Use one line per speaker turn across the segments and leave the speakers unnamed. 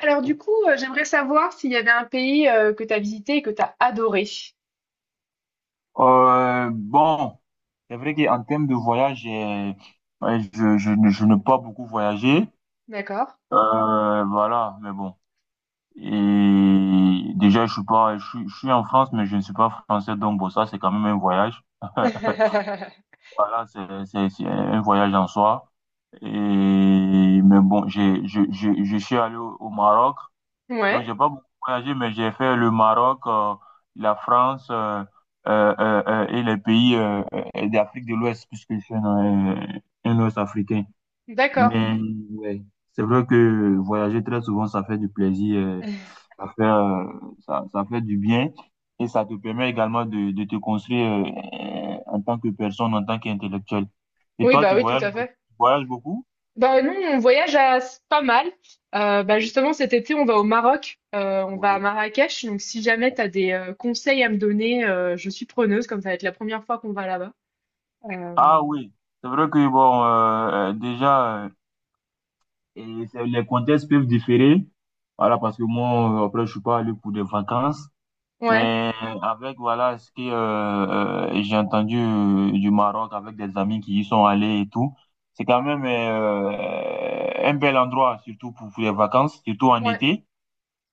Alors du coup, j'aimerais savoir s'il y avait un pays que tu as visité et que tu as adoré.
Bon, c'est vrai qu'en termes de voyage, ouais, je n'ai pas beaucoup voyagé.
D'accord.
Voilà, mais bon. Et déjà, je suis pas, je suis en France, mais je ne suis pas français, donc bon, ça, c'est quand même un voyage. Voilà, c'est un voyage en soi. Et, mais bon, je suis allé au Maroc. Donc,
Ouais,
j'ai pas beaucoup voyagé, mais j'ai fait le Maroc, la France et les pays d'Afrique de l'Ouest, puisque je suis un Ouest-Africain.
d'accord.
Mais ouais, c'est vrai que voyager très souvent, ça fait du plaisir, ça fait, ça fait du bien et ça te permet également de te construire en tant que personne, en tant qu'intellectuel. Et
Oui,
toi,
bah oui, tout à
tu
fait.
voyages beaucoup?
Bah nous, on voyage à pas mal. Bah
Oui,
justement, cet été, on va au Maroc, on va à
oui.
Marrakech. Donc si jamais tu as des conseils à me donner, je suis preneuse, comme ça va être la première fois qu'on va là-bas. Euh,
Ah oui, c'est vrai que bon, déjà. Les contextes peuvent différer. Voilà, parce que moi, après, je suis pas allé pour des vacances.
ouais,
Mais avec, voilà, ce que j'ai entendu du Maroc avec des amis qui y sont allés et tout, c'est quand même un bel endroit, surtout pour les vacances, surtout en
ouais,
été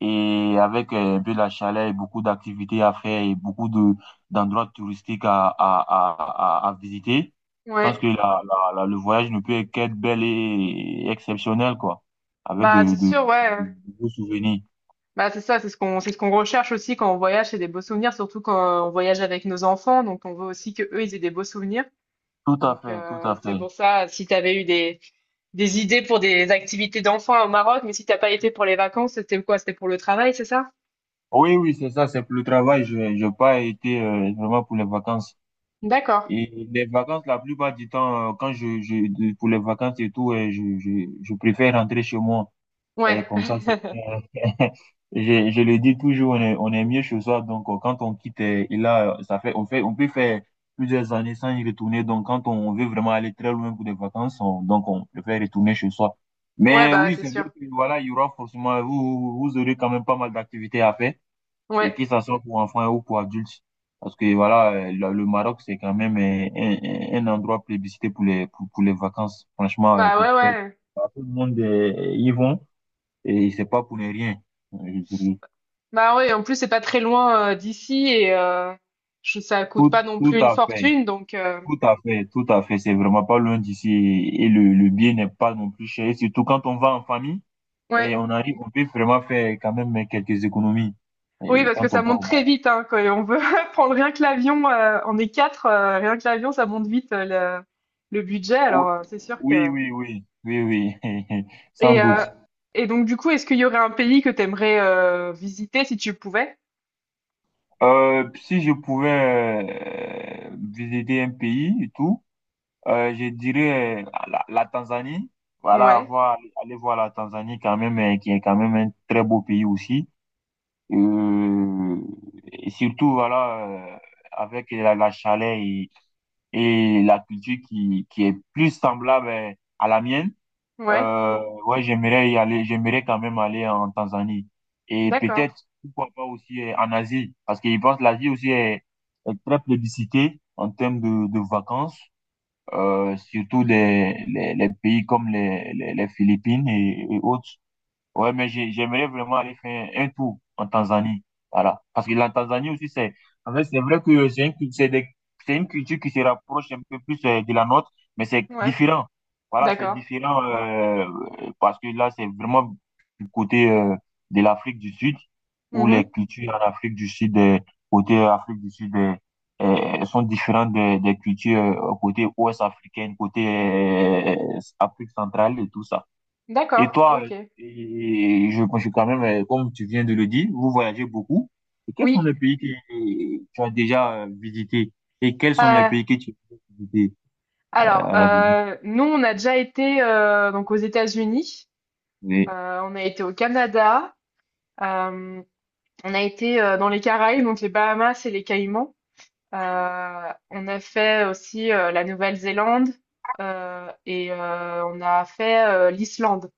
et avec un peu la chaleur et beaucoup d'activités à faire et beaucoup de d'endroits touristiques à visiter, je pense que
ouais.
le voyage ne peut qu'être bel et exceptionnel, quoi, avec
Bah c'est sûr, ouais.
de beaux souvenirs.
Bah, c'est ça, c'est ce qu'on recherche aussi quand on voyage, c'est des beaux souvenirs, surtout quand on voyage avec nos enfants. Donc, on veut aussi que eux, ils aient des beaux souvenirs.
Tout à
Donc,
fait, tout à
c'est
fait.
pour ça, si tu avais eu des idées pour des activités d'enfants au Maroc, mais si t'as pas été pour les vacances, c'était quoi? C'était pour le travail, c'est ça?
Oui, oui, c'est ça, c'est pour le travail. Je n'ai pas été vraiment pour les vacances.
D'accord.
Et les vacances, la plupart du temps, quand pour les vacances et tout, je préfère rentrer chez moi. Elle
Ouais.
est comme ça, c'est bien. Je le dis toujours, on est mieux chez soi. Donc, quand on quitte, et là, ça fait, on fait, on peut faire plusieurs années sans y retourner. Donc, quand on veut vraiment aller très loin pour des vacances, donc, on préfère retourner chez soi.
Ouais,
Mais
bah,
oui,
c'est
c'est vrai
sûr.
que, voilà, il y aura forcément, vous aurez quand même pas mal d'activités à faire. Et que
Ouais.
ça soit pour enfants ou pour adultes. Parce que, voilà, le Maroc, c'est quand même un endroit plébiscité pour pour les vacances. Franchement,
Bah, ouais,
pour
ouais.
tout le monde, y vont. Et c'est pas pour ne rien, euh, je dirais.
Bah, ouais, en plus, c'est pas très loin d'ici je- ça coûte pas non
Tout
plus une
à fait,
fortune. Donc,
tout à fait, tout à fait. C'est vraiment pas loin d'ici. Et le bien n'est pas non plus cher. Et surtout quand on va en famille et
ouais.
on arrive, on peut vraiment faire quand même quelques économies.
Oui,
Et
parce que
quand on
ça
va
monte
au
très
Maroc.
vite, hein, quand on veut prendre rien que l'avion, on est quatre, rien que l'avion, ça monte vite le, le budget, alors
Oh,
c'est sûr que...
oui, oui, oui, oui, oui, sans
Et, euh,
doute.
et donc du coup, est-ce qu'il y aurait un pays que t'aimerais visiter si tu pouvais?
Si je pouvais visiter un pays et tout, je dirais la Tanzanie. Voilà,
Ouais,
voir, aller voir la Tanzanie quand même, qui est quand même un très beau pays aussi. Euh, et surtout, voilà, euh, avec la chaleur et la culture qui est plus semblable à la mienne.
ouais,
Euh, ouais, j'aimerais y aller, j'aimerais quand même aller en Tanzanie. Et
d'accord,
peut-être, pourquoi pas aussi en Asie, parce que je pense que l'Asie aussi est très plébiscitée en termes de vacances surtout les pays comme les Philippines et autres. Ouais, mais j'aimerais vraiment aller faire un tour en Tanzanie. Voilà. Parce que la Tanzanie aussi, c'est, en fait, c'est vrai que c'est une culture qui se rapproche un peu plus de la nôtre, mais c'est
ouais,
différent. Voilà, c'est
d'accord,
différent parce que là, c'est vraiment du côté de l'Afrique du Sud, où
mhm,
les cultures en Afrique du Sud, côté Afrique du Sud, sont différentes des cultures côté ouest africaine, côté Afrique centrale et tout ça. Et
d'accord,
toi,
ok.
et je pense que quand même, comme tu viens de le dire, vous voyagez beaucoup. Et quels sont
Oui,
les pays que tu as déjà visités? Et quels sont les
euh,
pays que tu veux visiter
alors,
à l'avenir?
nous, on a déjà été donc aux États-Unis,
Oui.
on a été au Canada, euh, on a été dans les Caraïbes, donc les Bahamas et les Caïmans. On a fait aussi la Nouvelle-Zélande et on a fait l'Islande.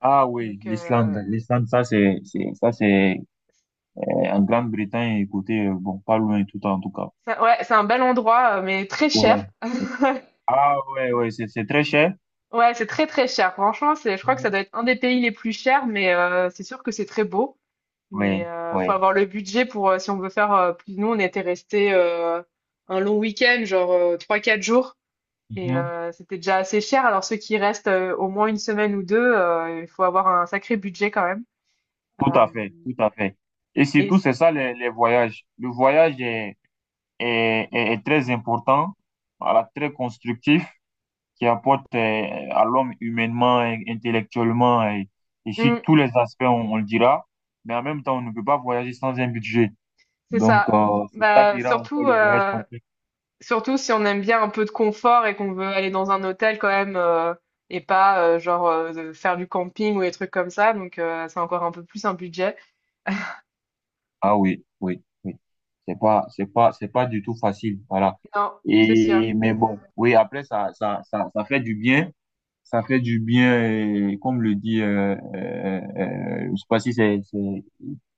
Ah oui,
Donc
l'Islande. L'Islande, ça c'est en Grande-Bretagne, écoutez, bon, pas loin tout en tout cas.
ça- ouais, c'est un bel endroit, mais très cher.
Ouais. Ah ouais, ouais, c'est très cher.
Ouais, c'est très très cher. Franchement, c'est, je crois que ça
Mhm.
doit être un des pays les plus chers, mais c'est sûr que c'est très beau. Mais
Oui,
faut
oui.
avoir le budget pour si on veut faire plus. Nous, on était resté un long week-end, genre trois quatre jours,
Mhm.
c'était déjà assez cher. Alors ceux qui restent au moins une semaine ou deux, il faut avoir un sacré budget quand même.
Tout
Euh,
à fait, tout à fait. Et
et
surtout,
c-
c'est ça les voyages. Le voyage est très important, voilà, très constructif, qui apporte à l'homme humainement, et intellectuellement et sur
Mm,
tous les aspects, on le dira. Mais en même temps, on ne peut pas voyager sans un budget.
c'est
Donc,
ça.
c'est ça
Bah,
qui rend encore
surtout,
le voyage complexe.
surtout si on aime bien un peu de confort et qu'on veut aller dans un hôtel quand même et pas genre de faire du camping ou des trucs comme ça. Donc c'est encore un peu plus un budget.
Ah oui, oui, oui. C'est pas du tout facile. Voilà.
Non, c'est sûr.
Et, mais bon, oui, après, ça fait du bien. Ça fait du bien, et comme le dit, je sais pas si c'est,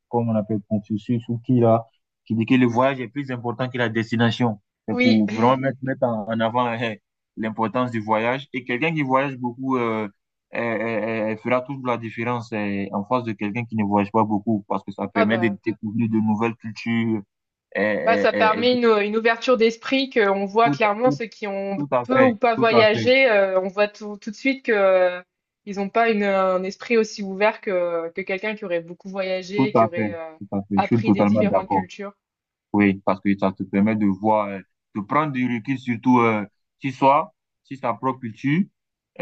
comme on appelle Confucius ou qui là, qui dit que le voyage est plus important que la destination. C'est
Oui.
pour vraiment mettre, en avant l'importance du voyage. Et quelqu'un qui voyage beaucoup fera toujours la différence en face de quelqu'un qui ne voyage pas beaucoup, parce que ça
Ah
permet de
bah.
découvrir de nouvelles cultures. euh,
Bah,
euh,
ça
euh, et
permet
de-
une ouverture d'esprit qu'on voit
tout,
clairement
tout,
ceux qui ont
tout à
peu
fait,
ou pas
tout à fait,
voyagé, on voit tout de suite que ils n'ont pas un esprit aussi ouvert que quelqu'un qui aurait beaucoup
tout
voyagé, qui
à fait,
aurait
tout à fait. Je suis
appris des
totalement
différentes
d'accord.
cultures.
Oui, parce que ça te permet de voir, de prendre du recul, surtout si soi, si sa propre culture,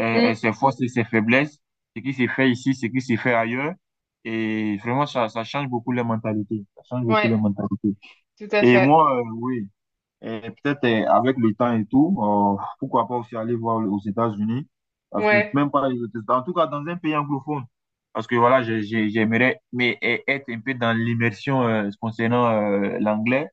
Mm,
ses forces et ses faiblesses, ce qui s'est fait ici, ce qui s'est fait ailleurs. Et vraiment, ça change beaucoup les mentalités. Ça change beaucoup
ouais,
les mentalités.
tout à
Et
fait.
moi, oui. Et peut-être avec le temps et tout, pourquoi pas aussi aller voir aux États-Unis, parce que
Ouais,
même pas les autres États, en tout cas dans un pays anglophone, parce que voilà, j'aimerais mais être un peu dans l'immersion concernant l'anglais,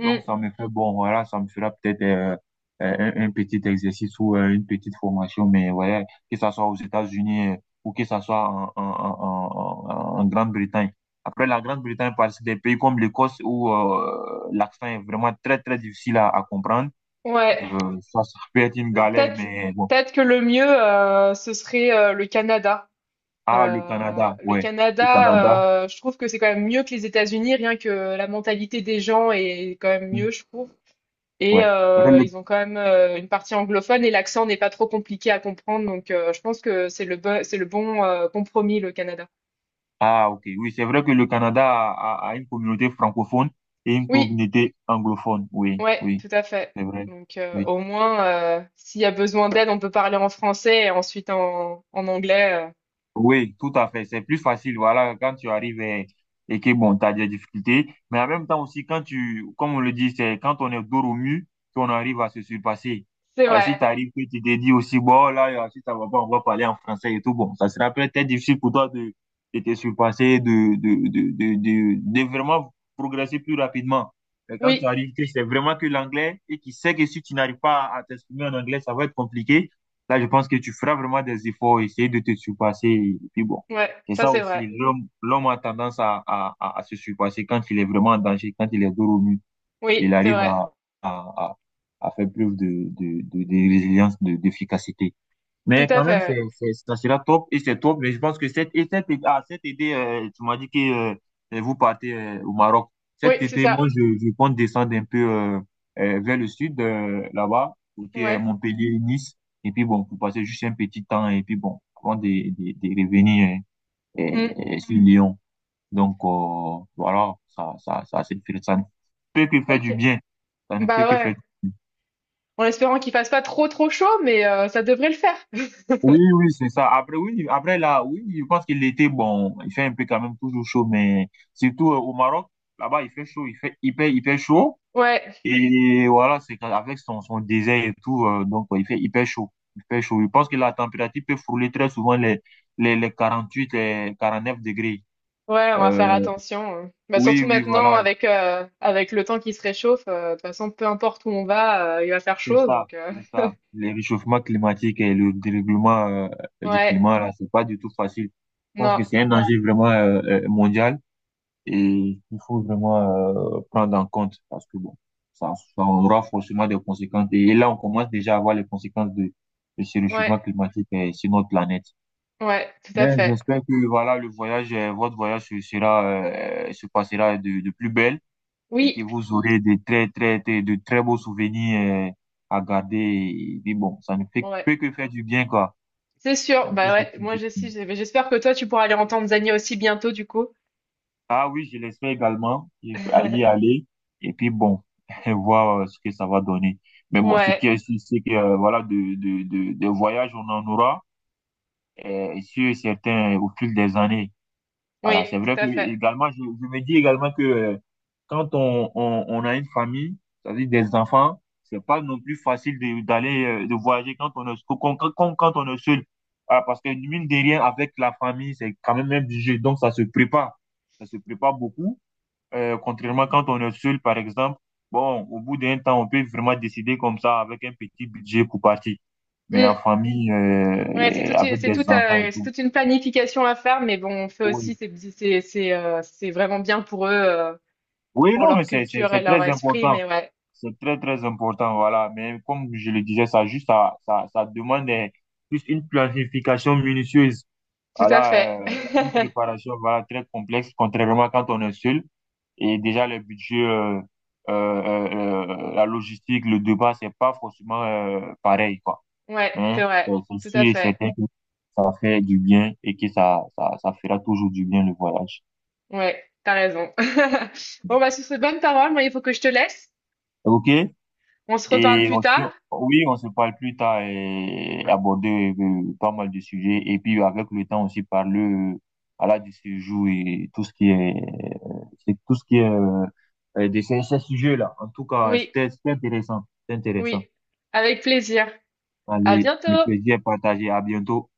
donc ça me fait bon, voilà, ça me fera peut-être un petit exercice ou une petite formation, mais ouais, que ça soit aux États-Unis ou que ça soit en Grande-Bretagne. Après, la Grande-Bretagne participe des pays comme l'Écosse où l'accent est vraiment très, très difficile à comprendre.
ouais.
Ça ça peut être une galère,
Peut-être,
mais bon.
peut-être que le mieux, ce serait le Canada.
Ah, le Canada,
Le
ouais. Le Canada,
Canada, je trouve que c'est quand même mieux que les États-Unis, rien que la mentalité des gens est quand même
hmm,
mieux, je trouve. Et
ouais. Peut-être
ils ont quand même, une partie anglophone et l'accent n'est pas trop compliqué à comprendre, donc je pense que c'est le bo c'est le bon, compromis, le Canada.
Ah, ok. Oui, c'est vrai que le Canada a une communauté francophone et une
Oui,
communauté anglophone. Oui,
ouais,
oui,
tout à fait.
c'est vrai.
Donc
Oui.
au moins, s'il y a besoin d'aide, on peut parler en français et ensuite en anglais.
Oui, tout à fait. C'est plus facile, voilà, quand tu arrives et que, bon, tu as des difficultés. Mais en même temps aussi, quand tu, comme on le dit, c'est quand on est dos au mur qu'on arrive à se surpasser.
C'est
Ah,
vrai.
si tu arrives que tu te dis aussi, bon, là, si ça va pas, on va parler en français et tout, bon, ça sera peut-être difficile pour toi de te surpasser, de vraiment progresser plus rapidement. Mais quand tu
Oui,
arrives que c'est vraiment que l'anglais et qui sait que si tu n'arrives pas à t'exprimer en anglais, ça va être compliqué. Là, je pense que tu feras vraiment des efforts, essayer de te surpasser. Et puis bon,
ouais,
c'est
ça
ça
c'est
aussi.
vrai.
L'homme a tendance à se surpasser quand il est vraiment en danger, quand il est dos au mur. Il
Oui, c'est
arrive
vrai.
à, à, à faire preuve de résilience, d'efficacité.
Tout
Mais
à
quand
fait,
même,
ouais.
ça sera top et c'est top. Mais je pense que cette, et cette, ah, cet été, tu m'as dit que vous partez au Maroc.
Oui,
Cet
c'est
été,
ça.
moi, je compte descendre un peu vers le sud, là-bas, côté
Ouais.
Montpellier, Nice. Et puis bon, pour passer juste un petit temps et puis bon, avant de revenir euh,
Mmh.
sur Lyon. Donc voilà, ça ne peut que faire du
OK.
bien. Ça ne peut
Bah
que faire
ouais,
du bien.
en espérant qu'il fasse pas trop, trop chaud, mais ça devrait le faire.
Oui, oui, c'est ça. Après, oui, après là, oui, je pense qu'il était bon, il fait un peu quand même toujours chaud, mais surtout au Maroc, là-bas, il fait chaud, il fait hyper, hyper chaud.
Ouais.
Et voilà, c'est qu'avec avec son désert et tout, donc il fait hyper chaud. Il fait chaud. Je pense que la température peut frôler très souvent les 48 les 49 degrés.
Ouais, on va faire
Euh,
attention. Hein. Bah,
oui,
surtout
oui,
maintenant,
voilà,
avec le temps qui se réchauffe, de toute façon, peu importe où on va, il va faire
c'est
chaud.
ça,
Donc,
c'est ça. Le réchauffement climatique et le dérèglement du
ouais,
climat, là, c'est pas du tout facile. Je pense que
non,
c'est un danger vraiment mondial. Et il faut vraiment prendre en compte parce que bon, ça aura forcément des conséquences. Et là, on commence déjà à voir les conséquences de ce réchauffement
ouais,
climatique sur notre planète.
ouais, tout à
Ben,
fait.
j'espère que voilà, le voyage, votre voyage se passera de plus belle et que
Oui,
vous aurez des de très beaux souvenirs à garder. Et, puis bon, ça ne fait,
ouais,
peut que faire du bien, quoi.
c'est
Ça
sûr.
ne peut
Bah
que
ouais,
faire
moi
du bien.
j'essaie, j'espère que toi, tu pourras aller en Tanzanie aussi bientôt, du coup.
Ah oui, je l'espère également y aller. Et puis bon, voir ce que ça va donner. Mais bon, ce qui
Ouais,
est sûr, c'est que voilà, de voyages, on en aura, sur certains au fil des années. Voilà, c'est
oui,
vrai
tout
que
à fait.
également, je me dis également que quand on a une famille, c'est-à-dire des enfants, c'est pas non plus facile d'aller de voyager quand on est quand, quand, quand quand on est seul. Ah, parce que mine de rien, avec la famille, c'est quand même un jeu. Donc ça se prépare. Ça se prépare beaucoup. Contrairement quand on est seul, par exemple, bon, au bout d'un temps, on peut vraiment décider comme ça avec un petit budget pour partir. Mais en
Mm.
famille,
Ouais,
et avec des enfants et
c'est
tout.
toute une planification à faire, mais bon, on fait
Oui,
aussi, c'est vraiment bien pour eux,
oui,
pour
non, mais
leur culture et
c'est
leur
très
esprit,
important.
mais ouais.
C'est très, très important, voilà. Mais comme je le disais, ça juste, ça demande plus une planification minutieuse.
Tout à
Voilà,
fait.
une préparation, voilà, très complexe, contrairement quand on est seul. Et déjà, le budget, la logistique, le débat, c'est pas forcément pareil, quoi.
Ouais,
Mais
c'est vrai.
c'est
Tout à
sûr et
fait.
certain que ça fait du bien et que ça fera toujours du bien le voyage.
Ouais, t'as raison. Bon, bah, sur ces bonnes paroles, moi, il faut que je te laisse.
OK?
On se reparle
Et
plus
aussi,
tard.
oui, on se parle plus tard et aborder pas mal de sujets. Et puis, avec le temps aussi, parler voilà, du séjour et tout ce qui est, c'est tout ce qui est de ces sujets-là. En tout cas,
Oui,
c'était intéressant. C'était intéressant.
oui. Avec plaisir. À
Allez,
bientôt.
le plaisir est partagé. À bientôt.